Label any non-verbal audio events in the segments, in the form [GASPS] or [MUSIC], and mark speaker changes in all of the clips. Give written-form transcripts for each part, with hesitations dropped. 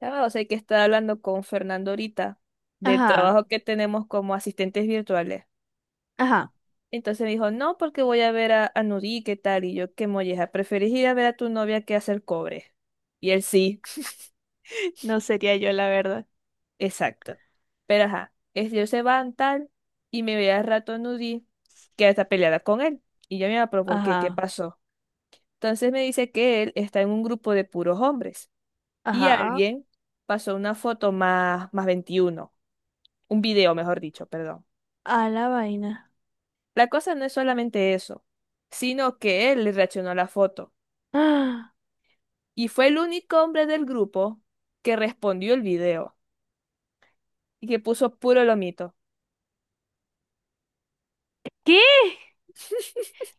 Speaker 1: Ah, o sea que estaba hablando con Fernando ahorita del
Speaker 2: Ajá,
Speaker 1: trabajo que tenemos como asistentes virtuales.
Speaker 2: ajá.
Speaker 1: Entonces me dijo, no, porque voy a ver a Nuri, ¿qué tal? Y yo, qué molleja, ¿preferís ir a ver a tu novia que hacer cobre? Y él sí,
Speaker 2: [LAUGHS] No sería yo, la verdad.
Speaker 1: [LAUGHS] exacto. Pero ajá, ellos se van tal y me ve al rato a Nuri que está peleada con él. Y yo me va, pero ¿por qué? ¿Qué
Speaker 2: Ajá,
Speaker 1: pasó? Entonces me dice que él está en un grupo de puros hombres y
Speaker 2: ajá.
Speaker 1: alguien pasó una foto más 21, un video, mejor dicho, perdón.
Speaker 2: A la vaina.
Speaker 1: La cosa no es solamente eso, sino que él le reaccionó a la foto
Speaker 2: ¡Ah!
Speaker 1: y fue el único hombre del grupo que respondió el video y que puso puro lomito.
Speaker 2: ¿Qué?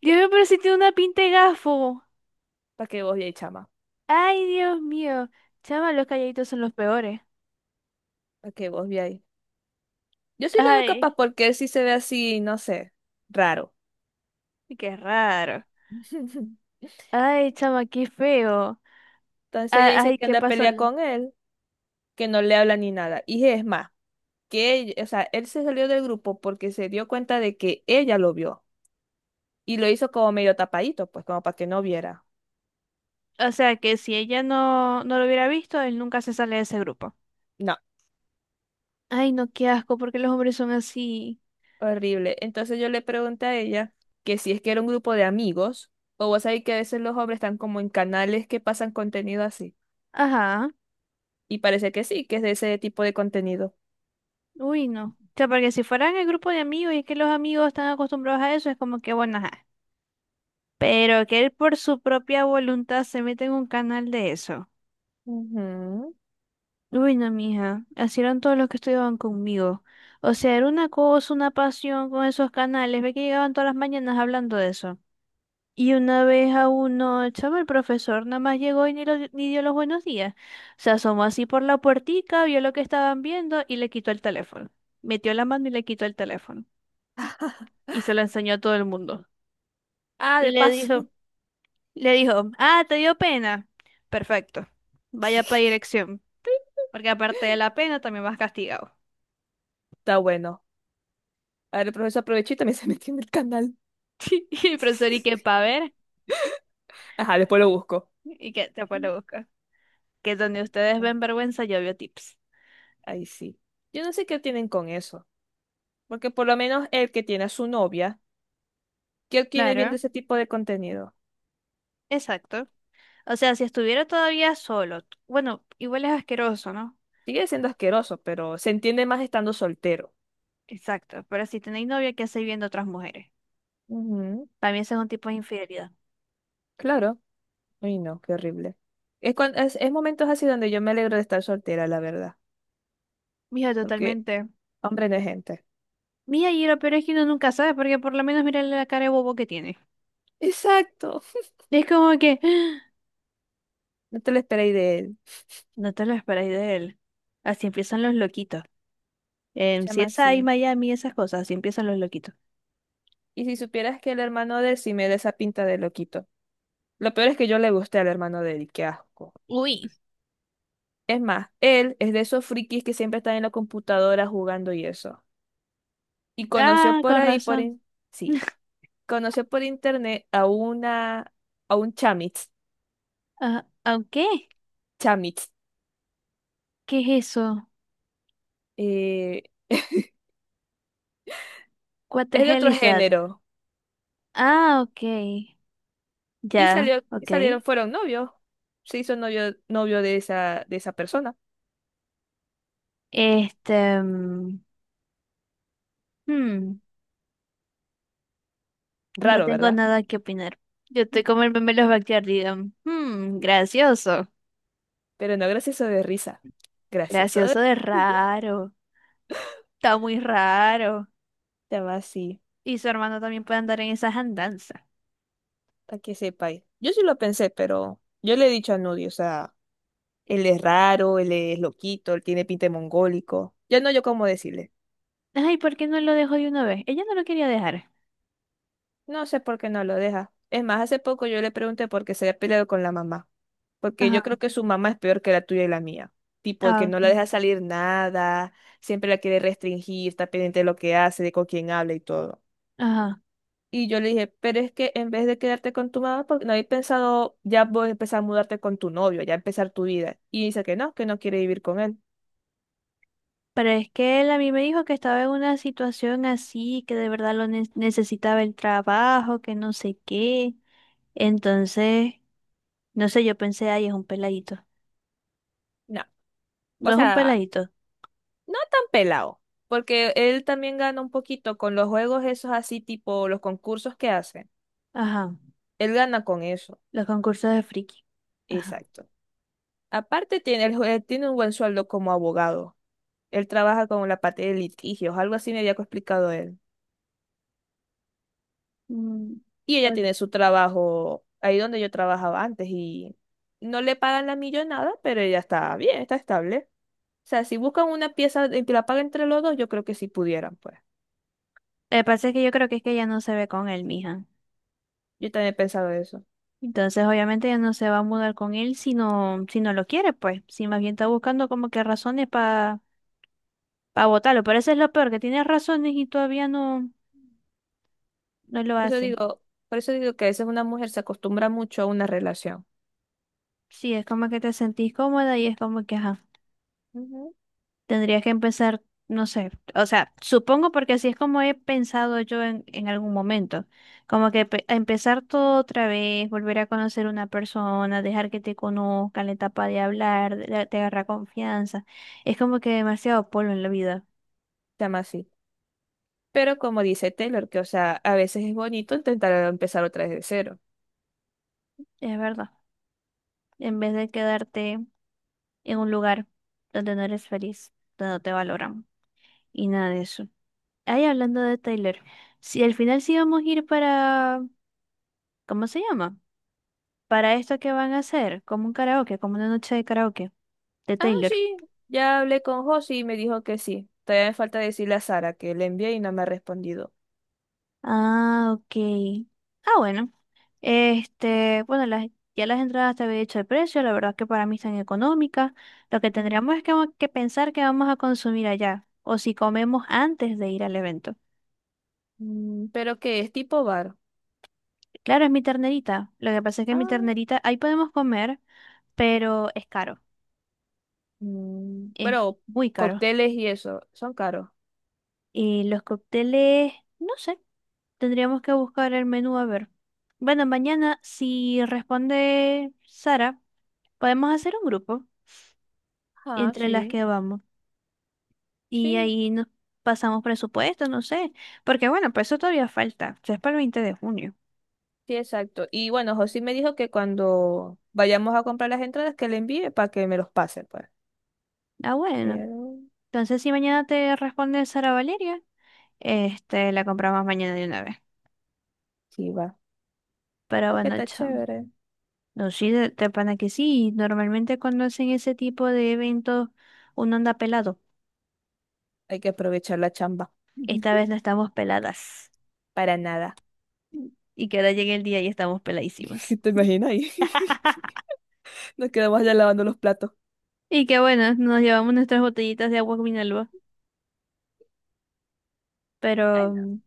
Speaker 2: Dios mío, pero si tiene una pinta de gafo.
Speaker 1: Para que vos veáis, chama,
Speaker 2: Ay, Dios mío. Chama, los calladitos son los peores.
Speaker 1: para que vos veáis. Yo sí lo veo
Speaker 2: Ay,
Speaker 1: capaz porque él sí se ve así, no sé, raro.
Speaker 2: qué raro.
Speaker 1: [LAUGHS] Entonces
Speaker 2: Ay, chama, qué feo.
Speaker 1: ella dice
Speaker 2: Ay,
Speaker 1: que
Speaker 2: ¿qué
Speaker 1: anda a
Speaker 2: pasó?
Speaker 1: pelear con él, que no le habla ni nada. Y es más, que o sea, él se salió del grupo porque se dio cuenta de que ella lo vio y lo hizo como medio tapadito, pues como para que no viera.
Speaker 2: O sea, que si ella no, no lo hubiera visto, él nunca se sale de ese grupo.
Speaker 1: No.
Speaker 2: Ay, no, qué asco, porque los hombres son así.
Speaker 1: Horrible. Entonces yo le pregunté a ella que si es que era un grupo de amigos, o vos sabés que a veces los hombres están como en canales que pasan contenido así.
Speaker 2: Ajá.
Speaker 1: Y parece que sí, que es de ese tipo de contenido.
Speaker 2: Uy, no. O sea, porque si fueran el grupo de amigos y es que los amigos están acostumbrados a eso, es como que bueno, ajá. Pero que él por su propia voluntad se meta en un canal de eso.
Speaker 1: Ujú.
Speaker 2: Uy, no, mija. Así eran todos los que estudiaban conmigo. O sea, era una cosa, una pasión con esos canales. Ve que llegaban todas las mañanas hablando de eso. Y una vez a uno, chamo, el profesor nada más llegó y ni, ni dio los buenos días. Se asomó así por la puertica, vio lo que estaban viendo y le quitó el teléfono. Metió la mano y le quitó el teléfono. Y se la enseñó a todo el mundo.
Speaker 1: Ah,
Speaker 2: Y
Speaker 1: de
Speaker 2: le dijo,
Speaker 1: paso.
Speaker 2: ah, ¿te dio pena? Perfecto, vaya para
Speaker 1: [LAUGHS]
Speaker 2: dirección, porque aparte de la pena también vas castigado.
Speaker 1: Está bueno. A ver, el profesor aprovechó y también [LAUGHS] se metió en el canal.
Speaker 2: [LAUGHS] Y el profesor, ¿y qué
Speaker 1: [LAUGHS]
Speaker 2: pa' ver?
Speaker 1: Ajá, después lo busco.
Speaker 2: ¿Y que te fue a buscar? Que donde ustedes ven vergüenza, yo veo tips.
Speaker 1: Ahí sí. Yo no sé qué tienen con eso. Porque por lo menos el que tiene a su novia, ¿qué tiene
Speaker 2: Claro,
Speaker 1: viendo ese tipo de contenido?
Speaker 2: exacto. O sea, si estuviera todavía solo, bueno, igual es asqueroso, ¿no?
Speaker 1: Sigue siendo asqueroso, pero se entiende más estando soltero.
Speaker 2: Exacto, pero si tenéis novia, ¿qué hacéis viendo otras mujeres?
Speaker 1: Ujú,
Speaker 2: También ese es un tipo de infidelidad.
Speaker 1: claro. Ay, no, qué horrible. Es momentos así donde yo me alegro de estar soltera, la verdad.
Speaker 2: Mija,
Speaker 1: Porque
Speaker 2: totalmente.
Speaker 1: hombre no es gente.
Speaker 2: Mija, y lo peor es que uno nunca sabe, porque por lo menos mira la cara de bobo que tiene.
Speaker 1: Exacto.
Speaker 2: Es como que [GASPS] ¡ah!
Speaker 1: No te lo esperéis de él.
Speaker 2: No te lo esperáis de él. Así empiezan los loquitos. En
Speaker 1: Chama,
Speaker 2: CSI
Speaker 1: sí.
Speaker 2: Miami, esas cosas, así empiezan los loquitos.
Speaker 1: Y si supieras que el hermano de él sí me da esa pinta de loquito. Lo peor es que yo le gusté al hermano de él, y qué asco.
Speaker 2: Uy.
Speaker 1: Es más, él es de esos frikis que siempre están en la computadora jugando y eso. Y conoció
Speaker 2: Ah,
Speaker 1: por
Speaker 2: con
Speaker 1: ahí,
Speaker 2: razón.
Speaker 1: sí,
Speaker 2: [LAUGHS]
Speaker 1: conoció por internet a una, a un chamitz,
Speaker 2: Ah, ok.
Speaker 1: chamitz,
Speaker 2: ¿Qué es eso? What the
Speaker 1: es de
Speaker 2: hell
Speaker 1: otro
Speaker 2: is that?
Speaker 1: género.
Speaker 2: Ah, ok.
Speaker 1: Y
Speaker 2: Ya,
Speaker 1: salió, y
Speaker 2: ok.
Speaker 1: salieron, fueron novios. Se hizo novio de esa persona.
Speaker 2: Este, hmm, no
Speaker 1: Raro,
Speaker 2: tengo
Speaker 1: ¿verdad?
Speaker 2: nada que opinar. Yo estoy como el meme de los Backyard, digan, hmm, gracioso.
Speaker 1: Pero no, gracioso de risa. Gracioso de...
Speaker 2: Gracioso de
Speaker 1: [LAUGHS]
Speaker 2: raro. Está muy raro.
Speaker 1: Te va así,
Speaker 2: Y su hermano también puede andar en esas andanzas.
Speaker 1: para que sepáis. Yo sí lo pensé, pero yo le he dicho a Nudi, o sea, él es raro, él es loquito, él tiene pinta de mongólico. Ya no yo cómo decirle.
Speaker 2: Ay, ¿por qué no lo dejó de una vez? Ella no lo quería dejar.
Speaker 1: No sé por qué no lo deja. Es más, hace poco yo le pregunté por qué se había peleado con la mamá. Porque
Speaker 2: Ajá.
Speaker 1: yo creo que su mamá es peor que la tuya y la mía. Tipo, el
Speaker 2: Ah,
Speaker 1: que no
Speaker 2: ok.
Speaker 1: la deja salir nada, siempre la quiere restringir, está pendiente de lo que hace, de con quién habla y todo.
Speaker 2: Ajá.
Speaker 1: Y yo le dije, pero es que en vez de quedarte con tu mamá, porque no habéis pensado ya vos empezar a mudarte con tu novio, ya empezar tu vida. Y dice que no quiere vivir con él.
Speaker 2: Pero es que él a mí me dijo que estaba en una situación así, que de verdad lo necesitaba el trabajo, que no sé qué. Entonces, no sé, yo pensé, ay, es un peladito.
Speaker 1: No,
Speaker 2: No
Speaker 1: o
Speaker 2: es un
Speaker 1: sea,
Speaker 2: peladito.
Speaker 1: no tan pelado, porque él también gana un poquito con los juegos esos así, tipo los concursos que hace.
Speaker 2: Ajá.
Speaker 1: Él gana con eso,
Speaker 2: Los concursos de friki. Ajá.
Speaker 1: exacto. Aparte tiene, tiene un buen sueldo como abogado. Él trabaja con la parte de litigios, algo así me había explicado él.
Speaker 2: Mm.
Speaker 1: Y ella
Speaker 2: Bueno.
Speaker 1: tiene su trabajo ahí donde yo trabajaba antes y no le pagan la millonada, pero ella está bien, está estable. O sea, si buscan una pieza y que la paguen entre los dos, yo creo que sí pudieran, pues.
Speaker 2: Lo que pasa es que yo creo que es que ella no se ve con él, mija.
Speaker 1: Yo también he pensado eso.
Speaker 2: Entonces, obviamente, ya no se va a mudar con él si no lo quiere, pues. Si más bien está buscando como que razones para votarlo. Pero eso es lo peor, que tienes razones y todavía no, no lo
Speaker 1: Por eso
Speaker 2: hacen.
Speaker 1: digo, por eso digo que a veces una mujer se acostumbra mucho a una relación.
Speaker 2: Sí, es como que te sentís cómoda y es como que, ajá,
Speaker 1: Ujú.
Speaker 2: tendrías que empezar, no sé. O sea, supongo porque así es como he pensado yo en algún momento. Como que empezar todo otra vez, volver a conocer una persona, dejar que te conozca, la etapa de hablar, te agarra confianza. Es como que demasiado polvo en la vida.
Speaker 1: Se llama así. Pero como dice Taylor, que o sea, a veces es bonito intentar empezar otra vez de cero.
Speaker 2: Es verdad. En vez de quedarte en un lugar donde no eres feliz, donde no te valoran y nada de eso. Ahí hablando de Taylor, si al final sí vamos a ir para, ¿cómo se llama? Para esto que van a hacer, como un karaoke, como una noche de karaoke de
Speaker 1: Ah,
Speaker 2: Taylor.
Speaker 1: sí, ya hablé con José y me dijo que sí. Todavía me falta decirle a Sara que le envié y no me ha respondido.
Speaker 2: Ah, ok. Ah, bueno. Este, bueno, ya las entradas te había dicho el precio, la verdad que para mí están económicas. Lo que
Speaker 1: Mm,
Speaker 2: tendríamos es que pensar que vamos a consumir allá, o si comemos antes de ir al evento.
Speaker 1: pero que es tipo bar.
Speaker 2: Claro, es mi ternerita. Lo que pasa es que mi
Speaker 1: Ah,
Speaker 2: ternerita, ahí podemos comer, pero es caro. Es
Speaker 1: bueno,
Speaker 2: muy caro.
Speaker 1: cócteles y eso, son caros.
Speaker 2: Y los cócteles, no sé, tendríamos que buscar el menú a ver. Bueno, mañana, si responde Sara, podemos hacer un grupo
Speaker 1: Ah,
Speaker 2: entre las
Speaker 1: sí,
Speaker 2: que vamos. Y
Speaker 1: sí,
Speaker 2: ahí nos pasamos presupuesto, no sé. Porque bueno, pues eso todavía falta. Eso es para el 20 de junio.
Speaker 1: sí, exacto. Y bueno, José me dijo que cuando vayamos a comprar las entradas que le envíe para que me los pase, pues.
Speaker 2: Ah, bueno.
Speaker 1: Pero
Speaker 2: Entonces, si mañana te responde Sara Valeria, este, la compramos mañana de una vez.
Speaker 1: sí va.
Speaker 2: Pero
Speaker 1: Creo que
Speaker 2: bueno,
Speaker 1: está
Speaker 2: chao.
Speaker 1: chévere.
Speaker 2: No, sí, de pana que sí. Normalmente cuando hacen ese tipo de eventos, uno anda pelado.
Speaker 1: Hay que aprovechar la chamba.
Speaker 2: Esta vez
Speaker 1: [LAUGHS]
Speaker 2: no estamos peladas.
Speaker 1: Para nada.
Speaker 2: Y que ahora llegue el día y estamos peladísimas.
Speaker 1: [LAUGHS] ¿Te imaginas ahí?
Speaker 2: [LAUGHS]
Speaker 1: [LAUGHS] Nos quedamos allá lavando los platos.
Speaker 2: Y que bueno, nos llevamos nuestras botellitas de agua Minalba.
Speaker 1: Ay,
Speaker 2: Pero,
Speaker 1: no.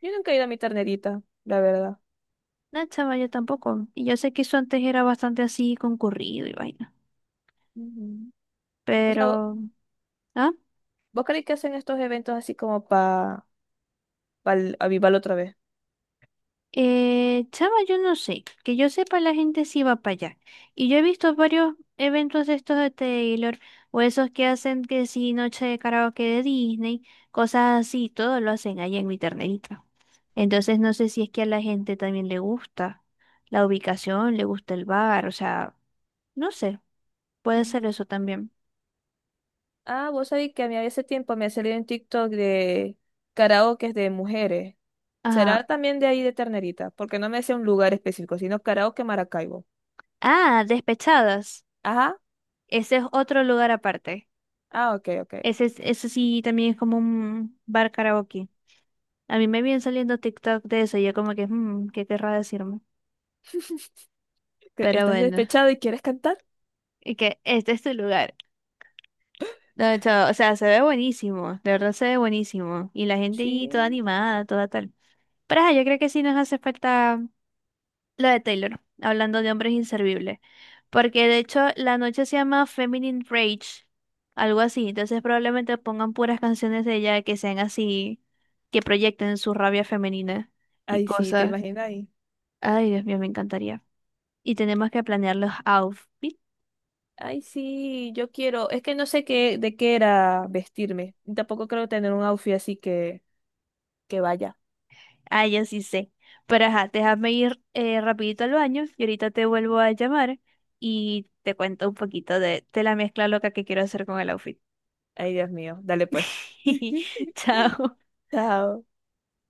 Speaker 1: Yo nunca he ido a mi ternerita, la verdad.
Speaker 2: no, chava, yo tampoco. Y yo sé que eso antes era bastante así concurrido y vaina.
Speaker 1: Ujú. O sea,
Speaker 2: Pero, ¿ah?
Speaker 1: ¿vos creéis que hacen estos eventos así como para avivarlo otra vez?
Speaker 2: Chama, yo no sé, que yo sepa la gente sí va para allá. Y yo he visto varios eventos de estos de Taylor, o esos que hacen que sí, noche de karaoke de Disney, cosas así, todo lo hacen allá en mi ternerita. Entonces no sé si es que a la gente también le gusta la ubicación, le gusta el bar, o sea, no sé, puede
Speaker 1: Mm.
Speaker 2: ser eso también.
Speaker 1: Ah, vos sabéis que a mí hace tiempo me ha salido un TikTok de karaokes de mujeres.
Speaker 2: Ajá.
Speaker 1: ¿Será también de ahí de Ternerita? Porque no me decía un lugar específico, sino karaoke Maracaibo.
Speaker 2: Ah, Despechadas.
Speaker 1: Ajá.
Speaker 2: Ese es otro lugar aparte.
Speaker 1: Ah, ok, ok.
Speaker 2: Ese sí también es como un bar karaoke. A mí me viene saliendo TikTok de eso, y yo como que, "Mm, ¿qué querrá decirme?"
Speaker 1: ¿Que
Speaker 2: Pero
Speaker 1: ¿Estás
Speaker 2: bueno,
Speaker 1: despechado y quieres cantar?
Speaker 2: y que este es tu lugar. No, chao, o sea, se ve buenísimo, de verdad se ve buenísimo. Y la gente
Speaker 1: Sí.
Speaker 2: ahí toda animada, toda tal. Pero ajá, yo creo que sí nos hace falta lo de Taylor, hablando de hombres inservibles. Porque de hecho la noche se llama Feminine Rage, algo así. Entonces probablemente pongan puras canciones de ella que sean así, que proyecten su rabia femenina y
Speaker 1: Ay, sí, ¿te
Speaker 2: cosas.
Speaker 1: imaginas?
Speaker 2: Ay, Dios mío, me encantaría. Y tenemos que planear los outfits.
Speaker 1: Ay, sí, yo quiero. Es que no sé qué, de qué era vestirme. Y tampoco creo tener un outfit así que vaya.
Speaker 2: Ah, ya sí sé. Pero ajá, déjame ir rapidito al baño y ahorita te vuelvo a llamar y te cuento un poquito de la mezcla loca que quiero hacer con el outfit.
Speaker 1: Ay, Dios mío. Dale pues. [LAUGHS]
Speaker 2: [LAUGHS] Chao.
Speaker 1: Chao.